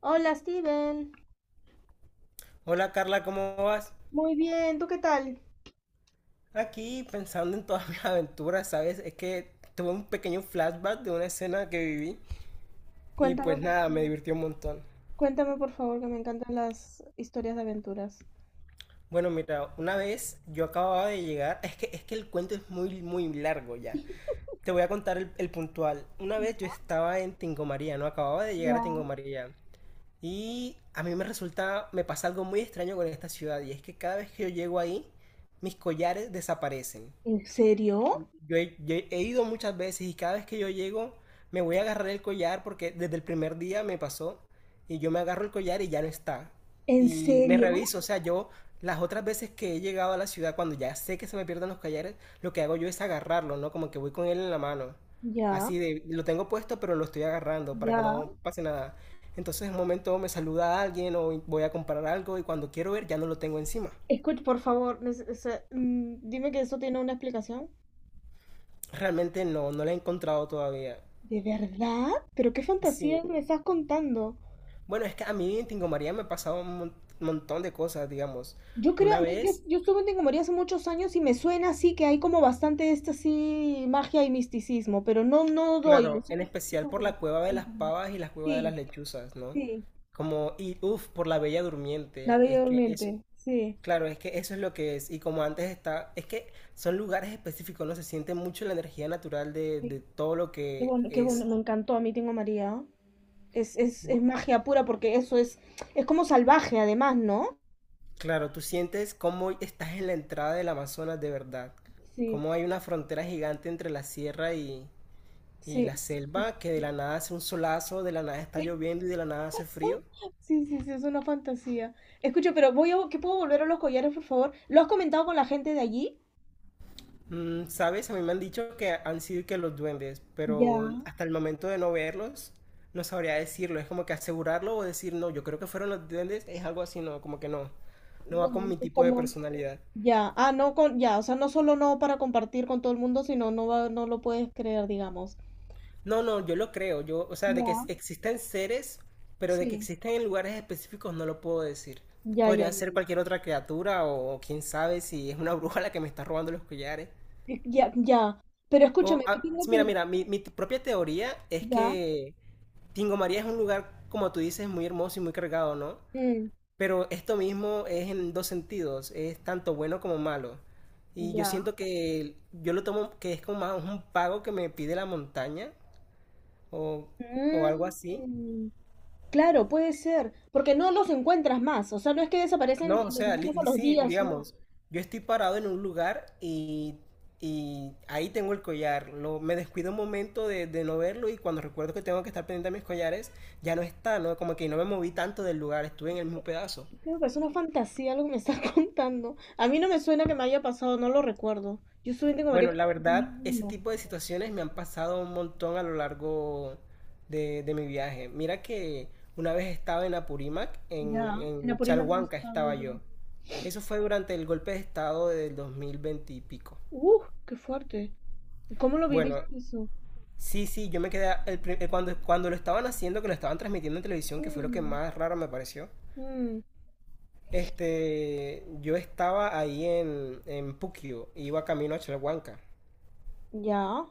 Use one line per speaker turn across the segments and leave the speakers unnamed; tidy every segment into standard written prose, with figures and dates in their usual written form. Hola, Steven.
Hola Carla, ¿cómo vas?
Muy bien, ¿tú qué tal?
Aquí pensando en todas mis aventuras, ¿sabes? Es que tuve un pequeño flashback de una escena que viví y
Cuéntame,
pues
por
nada, me
favor.
divirtió un montón.
Cuéntame, por favor, que me encantan las historias de aventuras.
Bueno, mira, una vez yo acababa de llegar, es que el cuento es muy, muy largo ya. Te voy a contar el puntual. Una vez yo estaba en Tingo María, ¿no? Acababa de llegar a Tingo
Ya.
María. Y a mí me resulta, me pasa algo muy extraño con esta ciudad y es que cada vez que yo llego ahí, mis collares desaparecen.
¿En serio?
Yo he ido muchas veces y cada vez que yo llego me voy a agarrar el collar porque desde el primer día me pasó y yo me agarro el collar y ya no está.
¿En
Y me
serio?
reviso, o sea, yo las otras veces que he llegado a la ciudad cuando ya sé que se me pierden los collares, lo que hago yo es agarrarlo, ¿no? Como que voy con él en la mano.
Ya,
Así de, lo tengo puesto pero lo estoy agarrando para que
ya.
no pase nada. Entonces en un momento me saluda alguien o voy a comprar algo y cuando quiero ver ya no lo tengo encima.
Escucha, por favor, o sea, dime que eso tiene una explicación.
Realmente no, no lo he encontrado todavía.
¿De verdad? ¿Pero qué fantasía
Sí.
me estás contando?
Bueno, es que a mí en Tingo María me ha pasado montón de cosas, digamos.
Yo creo, a
Una
mí, yo,
vez,
yo estuve en Tingomaría hace muchos años y me suena así que hay como bastante esta así magia y misticismo, pero no, no doy.
claro, en
Solo estoy
especial por
segura,
la
así que
cueva de las
cuéntame.
pavas y la cueva de las
Sí.
lechuzas, ¿no?
Sí,
Como, y uff, por la Bella
la
Durmiente.
Bella
Es que eso,
Durmiente, sí.
claro, es que eso es lo que es. Y como antes está, es que son lugares específicos, ¿no? Se siente mucho la energía natural de,
Sí.
de todo lo que
Qué bueno,
es.
me encantó a mí Tengo a María. Es
Bu-
magia pura porque eso es como salvaje además, ¿no?
Claro, tú sientes cómo estás en la entrada del Amazonas de verdad.
Sí,
Cómo hay una frontera gigante entre la sierra y
sí.
la
Sí,
selva, que de
sí,
la nada hace un solazo, de la nada está
sí.
lloviendo y de la nada hace frío.
Sí, sí, sí, es una fantasía. Escucho, pero ¿qué puedo volver a los collares, por favor? ¿Lo has comentado con la gente de allí?
Mm, ¿sabes? A mí me han dicho que han sido que los duendes, pero
Ya,
hasta el momento de no verlos, no sabría decirlo. Es como que asegurarlo o decir, no, yo creo que fueron los duendes, es algo así, no, como que no. No va
bueno,
con mi tipo de
como
personalidad.
ya, no con, ya, o sea, no solo no para compartir con todo el mundo, sino no va, no lo puedes creer, digamos.
No, no, yo lo creo. Yo, o sea, de
Ya,
que existen seres, pero de que
sí.
existen en lugares específicos no lo puedo decir.
Ya, ya,
Podrían
ya,
ser
ya.
cualquier otra criatura o quién sabe si es una bruja la que me está robando los collares.
Ya, ya. Pero
O,
escúchame, que
ah,
tengo
sí,
pero
mira, mira, propia teoría es
ya.
que Tingo María es un lugar, como tú dices, muy hermoso y muy cargado, ¿no?
Mm,
Pero esto mismo es en dos sentidos, es tanto bueno como malo. Y yo
ya.
siento que yo lo tomo que es como más un pago que me pide la montaña o, o algo así.
Mm, claro, puede ser, porque no los encuentras más, o sea, no es que desaparecen
No, o
y los
sea,
encuentras a los
sí,
días, no.
digamos, yo estoy parado en un lugar y ahí tengo el collar. Lo, me descuido un momento de no verlo y cuando recuerdo que tengo que estar pendiente de mis collares, ya no está, ¿no? Como que no me moví tanto del lugar, estuve en el mismo pedazo.
Creo que es una fantasía lo que me estás contando. A mí no me suena que me haya pasado, no lo recuerdo. Yo solamente como María
Bueno, la
en
verdad, ese
2001.
tipo de situaciones me han pasado un montón a lo largo de mi viaje. Mira que una vez estaba en Apurímac, en,
Ya, en
en
Apurímac no
Chalhuanca
estaba yo
estaba yo.
bien.
Eso fue durante el golpe de estado del 2020 y pico.
Uf, qué fuerte. ¿Cómo lo
Bueno,
viviste eso?
sí, sí, yo me quedé cuando, cuando lo estaban haciendo, que lo estaban transmitiendo en televisión, que fue lo que
Mm,
más raro me pareció.
mm,
Este, yo estaba ahí en Puquio, iba camino a Chalhuanca.
ya.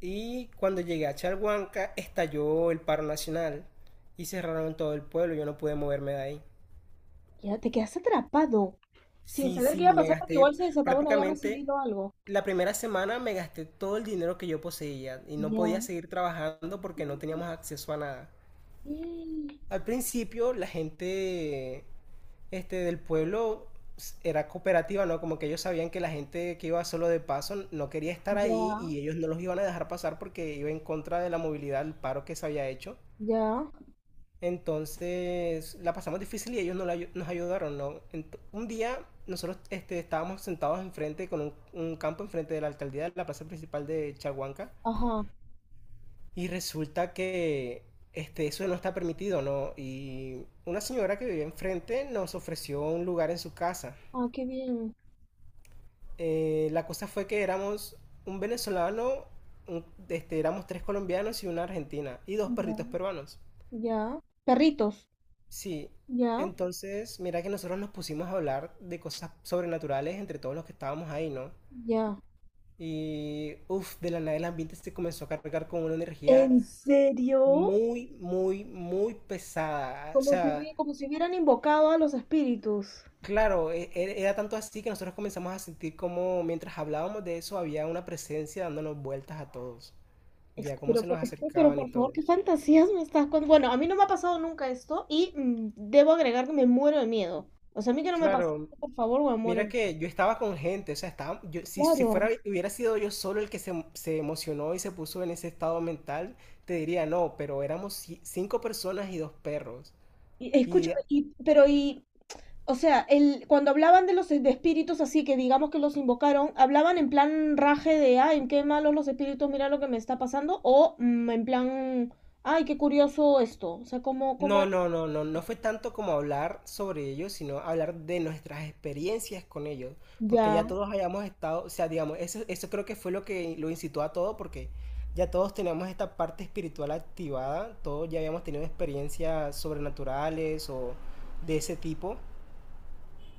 Y cuando llegué a Chalhuanca, estalló el paro nacional y cerraron todo el pueblo, yo no pude moverme de ahí.
Ya te quedaste atrapado. Sin
Sí,
saber qué iba
sí,
a
me
pasar porque
gasté
igual se desataba una guerra
prácticamente
civil o algo.
la primera semana, me gasté todo el dinero que yo poseía y no podía
Ya.
seguir trabajando porque no teníamos acceso a nada.
Mm,
Al principio la gente este, del pueblo era cooperativa, ¿no? Como que ellos sabían que la gente que iba solo de paso no quería estar ahí
ya,
y ellos no los iban a dejar pasar porque iba en contra de la movilidad, el paro que se había hecho.
ya,
Entonces la pasamos difícil y ellos no la, nos ayudaron, ¿no? Ent un día nosotros este, estábamos sentados enfrente, con un campo enfrente de la alcaldía, de la plaza principal de Chaguanca,
ajá,
y resulta que este, eso no está permitido, ¿no? Y una señora que vivía enfrente nos ofreció un lugar en su casa
ah, qué bien,
la cosa fue que éramos un venezolano, este, éramos tres colombianos y una argentina, y dos
ya.
perritos peruanos.
Ya, perritos,
Sí,
ya,
entonces mira que nosotros nos pusimos a hablar de cosas sobrenaturales entre todos los que estábamos ahí, ¿no?
ya.
Y uff, de la nada el ambiente se comenzó a cargar con una energía
¿En serio?
muy, muy, muy pesada. O sea,
Como si hubieran invocado a los espíritus.
claro, era tanto así que nosotros comenzamos a sentir como mientras hablábamos de eso había una presencia dándonos vueltas a todos.
Es-
Ya, cómo
Pero
se
por,
nos
pero
acercaban y
por favor,
todo.
qué fantasías me estás contando. Bueno, a mí no me ha pasado nunca esto y debo agregar que me muero de miedo. O sea, a mí que no me pasa,
Claro,
por favor, me muero de
mira
miedo.
que yo estaba con gente, o sea, estaba, yo, si, si
Claro.
fuera, hubiera sido yo solo el que se emocionó y se puso en ese estado mental, te diría no, pero éramos cinco personas y dos perros.
Y,
Y
escúchame, o sea, cuando hablaban de los de espíritus así que digamos que los invocaron, ¿hablaban en plan raje de, ay, qué malos los espíritus, mira lo que me está pasando? O en plan, ay, qué curioso esto. O sea, ¿cómo
no,
era?
no, no, no, no fue tanto como hablar sobre ellos, sino hablar de nuestras experiencias con ellos, porque
Ya.
ya todos hayamos estado, o sea, digamos, eso creo que fue lo que lo incitó a todo, porque ya todos teníamos esta parte espiritual activada, todos ya habíamos tenido experiencias sobrenaturales o de ese tipo,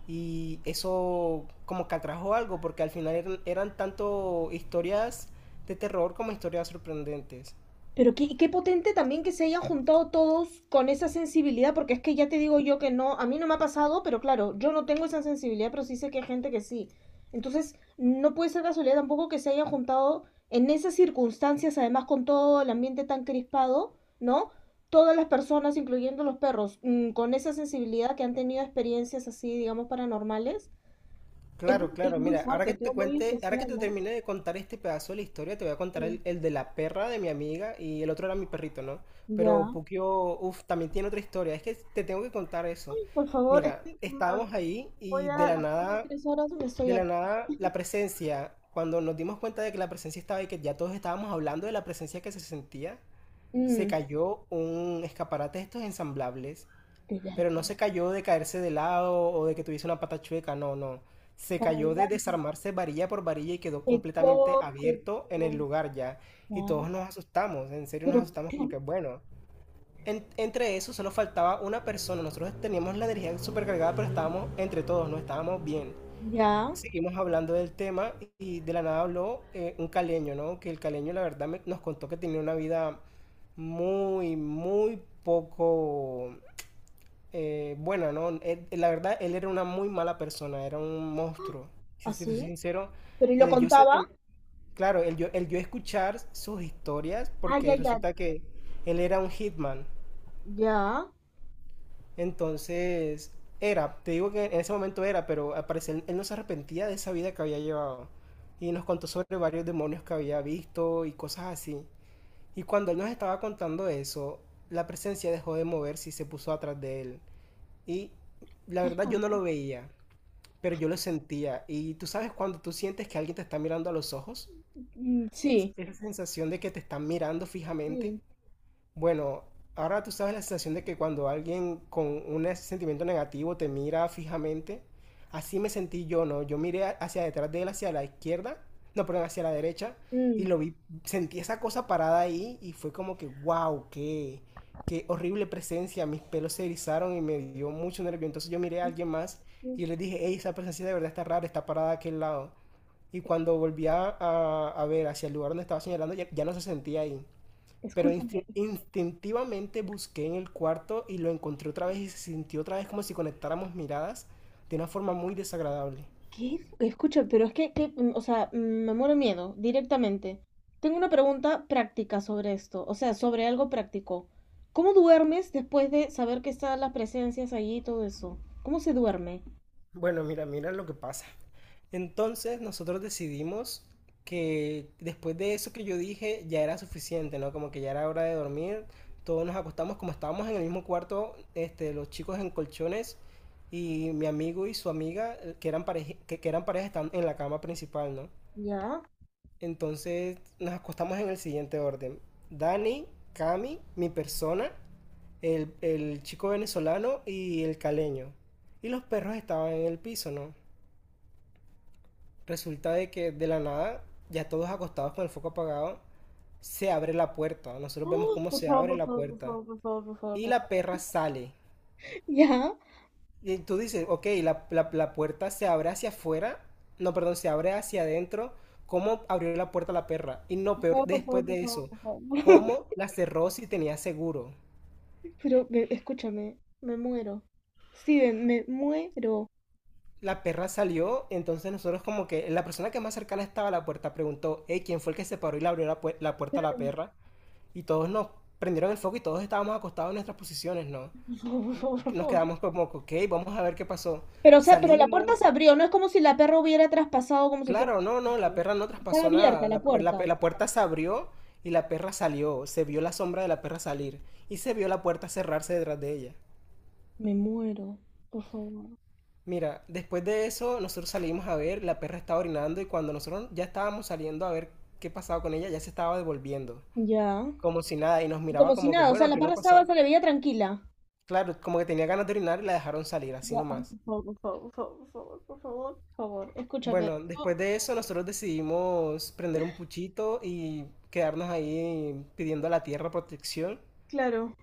y eso como que atrajo algo, porque al final eran tanto historias de terror como historias sorprendentes.
Pero qué potente también que se hayan juntado todos con esa sensibilidad, porque es que ya te digo yo que no, a mí no me ha pasado, pero claro, yo no tengo esa sensibilidad, pero sí sé que hay gente que sí. Entonces, no puede ser casualidad tampoco que se hayan juntado en esas circunstancias, además con todo el ambiente tan crispado, ¿no? Todas las personas, incluyendo los perros, con esa sensibilidad que han tenido experiencias así, digamos, paranormales.
Claro,
Es
claro.
muy
Mira, ahora
fuerte,
que te
todo muy
cuente, ahora que
especial,
te
¿no?
termine de contar este pedazo de la historia, te voy a contar el,
Sí.
el de la perra de mi amiga y el otro era mi perrito, ¿no? Pero
Ya.
Pukio, uff, también tiene otra historia. Es que te tengo que contar eso.
Ay, por favor, es
Mira,
que, a.
estábamos ahí
Voy
y
a las próximas tres horas que estoy
de la
aquí.
nada, la presencia, cuando nos dimos cuenta de que la presencia estaba y que ya todos estábamos hablando de la presencia que se sentía, se
Mm,
cayó un escaparate de estos ensamblables,
de
pero no
verdad,
se cayó de caerse de lado o de que tuviese una pata chueca, no, no. Se
para
cayó de
adelante.
desarmarse varilla por varilla y quedó completamente
Qué
abierto en el lugar ya. Y todos
cosa?
nos asustamos, en serio
Pero,
nos asustamos
¿qué?
como que, bueno. Entre eso solo faltaba una persona. Nosotros teníamos la energía supercargada, pero estábamos entre todos, no estábamos bien.
Ya,
Seguimos hablando del tema y de la nada habló un caleño, ¿no? Que el caleño la verdad nos contó que tenía una vida muy, muy poco bueno, no, la verdad, él era una muy mala persona, era un monstruo. Si te soy
así.
sincero,
Pero y lo
el yo, se-
contaba.
el- claro, el yo escuchar sus historias,
Ah,
porque
ya, ya.
resulta que él era un hitman.
Ya.
Entonces, era, te digo que en ese momento era, pero al parecer él no se arrepentía de esa vida que había llevado. Y nos contó sobre varios demonios que había visto y cosas así. Y cuando él nos estaba contando eso, la presencia dejó de moverse y se puso atrás de él. Y la verdad yo no lo veía, pero yo lo sentía. Y tú sabes cuando tú sientes que alguien te está mirando a los ojos,
Mm, sí.
esa sensación de que te están mirando fijamente,
Sí.
bueno, ahora tú sabes la sensación de que cuando alguien con un sentimiento negativo te mira fijamente, así me sentí yo, ¿no? Yo miré hacia detrás de él, hacia la izquierda, no, perdón, hacia la derecha, y
Mm,
lo vi, sentí esa cosa parada ahí y fue como que, wow, qué, qué horrible presencia, mis pelos se erizaron y me dio mucho nervio. Entonces yo miré a
es-
alguien más y yo le
es-
dije, hey, esa presencia de verdad está rara, está parada a aquel lado. Y
es-
cuando volví a ver hacia el lugar donde estaba señalando, ya, ya no se sentía ahí. Pero
Escúchame.
instintivamente busqué en el cuarto y lo encontré otra vez y se sintió otra vez como si conectáramos miradas de una forma muy desagradable.
¿Qué? Escucha, pero es que, o sea, me muero de miedo directamente. Tengo una pregunta práctica sobre esto, o sea, sobre algo práctico. ¿Cómo duermes después de saber que están las presencias allí y todo eso? ¿Cómo se duerme?
Bueno, mira, mira lo que pasa. Entonces nosotros decidimos que después de eso que yo dije ya era suficiente, ¿no? Como que ya era hora de dormir. Todos nos acostamos como estábamos en el mismo cuarto, este, los chicos en colchones y mi amigo y su amiga que eran pareja, que eran pareja están en la cama principal, ¿no?
¿Ya?
Entonces nos acostamos en el siguiente orden. Dani, Cami, mi persona, el chico venezolano y el caleño. Y los perros estaban en el piso, ¿no? Resulta de que de la nada, ya todos acostados con el foco apagado, se abre la puerta. Nosotros vemos
¡Oh!
cómo
Por
se
favor,
abre
por
la
favor, por
puerta.
favor, por favor, por favor,
Y
por favor.
la perra sale.
¿Ya?
Y tú dices, ok, la puerta se abre hacia afuera, no, perdón, se abre hacia adentro. ¿Cómo abrió la puerta la perra? Y no, peor,
Por favor,
después
por
de
favor, por favor.
eso,
Por favor.
¿cómo la cerró si tenía seguro?
Escúchame, me muero. Steven, me muero.
La perra salió, entonces nosotros como que la persona que más cercana estaba a la puerta preguntó, hey, ¿quién fue el que se paró y le abrió la, la puerta a la
Claro.
perra? Y todos nos prendieron el foco y todos estábamos acostados en nuestras posiciones, ¿no?
Por favor, por favor, por
Nos
favor.
quedamos como, ok, vamos a ver qué pasó.
Pero, o sea, pero la puerta
Salimos.
se abrió, no es como si la perra hubiera traspasado como si fuera
Claro, no, no, la
un.
perra no
Estaba
traspasó
abierta
nada.
la
La,
puerta.
la puerta se abrió y la perra salió. Se vio la sombra de la perra salir y se vio la puerta cerrarse detrás de ella.
Me muero, por favor.
Mira, después de eso nosotros salimos a ver, la perra estaba orinando y cuando nosotros ya estábamos saliendo a ver qué pasaba con ella, ya se estaba devolviendo,
Ya.
como si nada, y nos
Y
miraba
como si
como que,
nada, o sea,
bueno,
la
aquí no
perra estaba,
pasaba.
se le veía tranquila.
Claro, como que tenía ganas de orinar y la dejaron salir, así
Ya, ay,
nomás.
por favor, por favor, por favor, por favor, por favor, escúchame.
Bueno,
No,
después de eso nosotros decidimos prender un puchito y quedarnos ahí pidiendo a la tierra protección.
claro,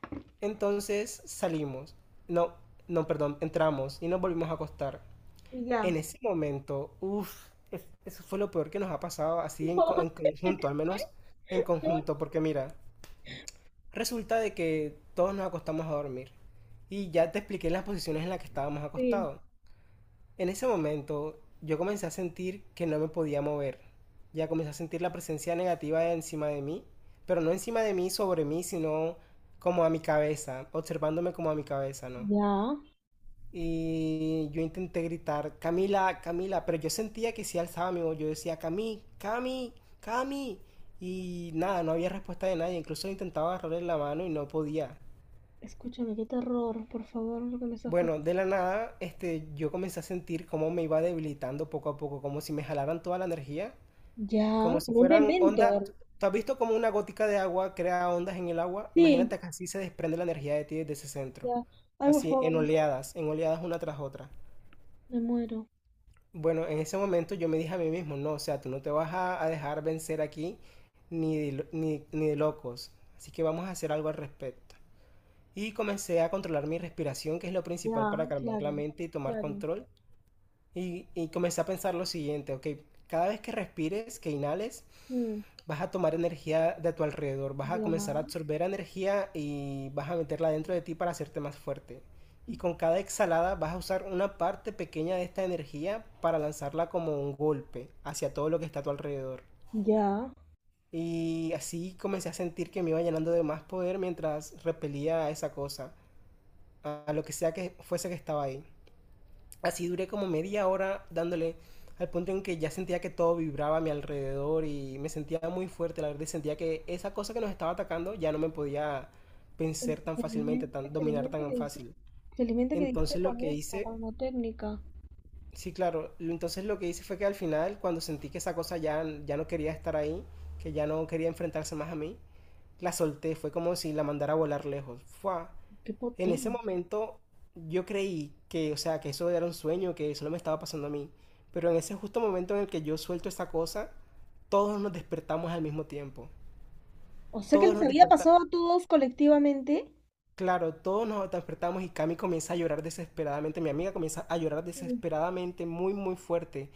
Entonces salimos, no, no, perdón, entramos y nos volvimos a acostar.
ya.
En ese momento, uff, eso fue lo peor que nos ha pasado así en,
Por favor,
en
es que
conjunto, al menos
estoy-
en
no,
conjunto, porque mira, resulta de que todos nos acostamos a dormir y ya te expliqué las posiciones en las que estábamos
sí.
acostados. En ese momento yo comencé a sentir que no me podía mover. Ya comencé a sentir la presencia negativa encima de mí, pero no encima de mí, sobre mí, sino como a mi cabeza, observándome como a mi cabeza, ¿no?
Ya.
Y yo intenté gritar, Camila, Camila, pero yo sentía que si alzaba mi voz, yo decía, Cami, Cami, Cami. Y nada, no había respuesta de nadie, incluso intentaba agarrarle la mano y no podía.
Escúchame, qué terror, por favor, lo que me estás
Bueno,
contando.
de la nada, yo comencé a sentir cómo me iba debilitando poco a poco, como si me jalaran toda la energía, como
Ya,
si
como un
fueran ondas.
dementor.
¿Tú has visto cómo una gótica de agua crea ondas en el agua?
Sí,
Imagínate que así se desprende la energía de ti desde ese centro,
ya. Ay, por
así
favor,
en oleadas una tras otra.
me muero.
Bueno, en ese momento yo me dije a mí mismo, no, o sea, tú no te vas a dejar vencer aquí ni de, ni de locos, así que vamos a hacer algo al respecto. Y comencé a controlar mi respiración, que es lo principal
Ya,
para calmar la
claro,
mente y tomar
claro,
control. Y comencé a pensar lo siguiente, ok, cada vez que respires, que inhales,
mm,
vas a tomar energía de tu alrededor, vas a comenzar a
ya.
absorber energía y vas a meterla dentro de ti para hacerte más fuerte. Y con cada exhalada vas a usar una parte pequeña de esta energía para lanzarla como un golpe hacia todo lo que está a tu alrededor.
Ya.
Y así comencé a sentir que me iba llenando de más poder mientras repelía a esa cosa, a lo que sea que fuese que estaba ahí. Así duré como media hora dándole al punto en que ya sentía que todo vibraba a mi alrededor y me sentía muy fuerte, la verdad, y sentía que esa cosa que nos estaba atacando ya no me podía vencer tan fácilmente,
Felizmente,
tan, dominar tan fácil.
felizmente que diste
Entonces lo
con
que
eso,
hice,
como técnica.
sí, claro, entonces lo que hice fue que al final, cuando sentí que esa cosa ya, ya no quería estar ahí, que ya no quería enfrentarse más a mí, la solté, fue como si la mandara a volar lejos. ¡Fua!
Qué
En ese
potente.
momento yo creí que, o sea, que eso era un sueño, que eso no me estaba pasando a mí. Pero en ese justo momento en el que yo suelto esta cosa, todos nos despertamos al mismo tiempo.
O sea que
Todos
les
nos
había pasado
despertamos.
a todos colectivamente.
Claro, todos nos despertamos y Cami comienza a llorar desesperadamente. Mi amiga comienza a llorar
Sí,
desesperadamente, muy, muy fuerte.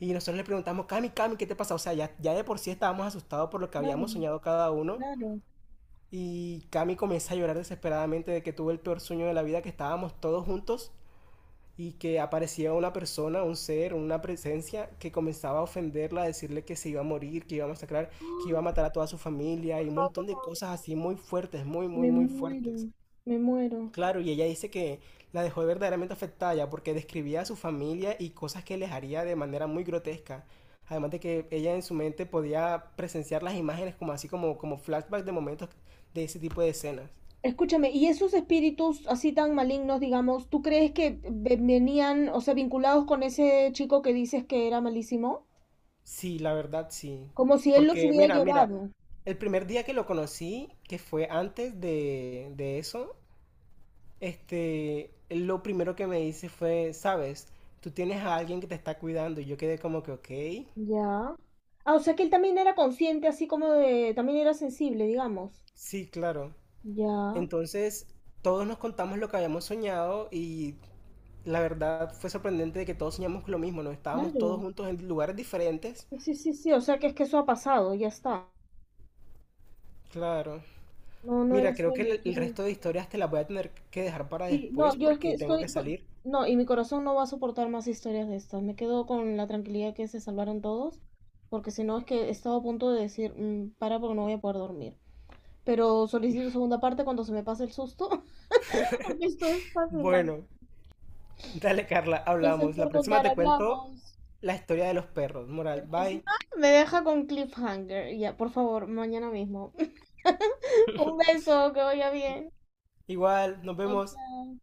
Y nosotros le preguntamos, Cami, Cami, ¿qué te pasa? O sea, ya, ya de por sí estábamos asustados por lo que
claro,
habíamos soñado cada uno.
claro.
Y Cami comienza a llorar desesperadamente de que tuvo el peor sueño de la vida, que estábamos todos juntos y que aparecía una persona, un ser, una presencia que comenzaba a ofenderla, a decirle que se iba a morir, que iba a masacrar, que iba a
¡Ah!
matar a toda su familia
Por
y un
favor, por
montón de
favor, por
cosas
favor.
así muy fuertes, muy,
Me
muy, muy
muero.
fuertes.
Me muero.
Claro, y ella dice que la dejó verdaderamente afectada ya porque describía a su familia y cosas que les haría de manera muy grotesca. Además de que ella en su mente podía presenciar las imágenes como así como, como flashbacks de momentos de ese tipo de escenas.
Escúchame, ¿y esos espíritus así tan malignos, digamos, tú crees que venían, o sea, vinculados con ese chico que dices que era malísimo?
Sí, la verdad sí.
Como si él los
Porque
hubiera
mira, mira,
llevado.
el primer día que lo conocí, que fue antes de eso, él lo primero que me dice fue, sabes, tú tienes a alguien que te está cuidando y yo quedé como que, ok,
Ya. Ah, o sea que él también era consciente, así como de, también era sensible, digamos.
sí, claro.
Ya,
Entonces, todos nos contamos lo que habíamos soñado y la verdad fue sorprendente de que todos soñamos con lo mismo, ¿no? Estábamos todos
claro.
juntos en lugares diferentes.
Sí, sí, sí, sí, o sea que es que eso ha pasado, ya está.
Claro.
No, no era
Mira, creo que
sueño,
el
quiero
resto de
decir.
historias te las voy a tener que dejar para
Sí, no,
después
yo es que
porque tengo que
estoy,
salir.
no, y mi corazón no va a soportar más historias de estas. Me quedo con la tranquilidad que se salvaron todos, porque si no es que he estado a punto de decir, "Mm, para porque no voy a poder dormir." Pero solicito segunda parte cuando se me pase el susto, porque esto es fascinante.
Bueno, dale Carla,
Gracias
hablamos. La
por
próxima
contar,
te cuento
hablamos.
la historia de los perros. Moral, bye.
Encima me deja con cliffhanger. Ya, por favor, mañana mismo. Un beso, que vaya bien.
Igual, nos
Chao,
vemos.
chao.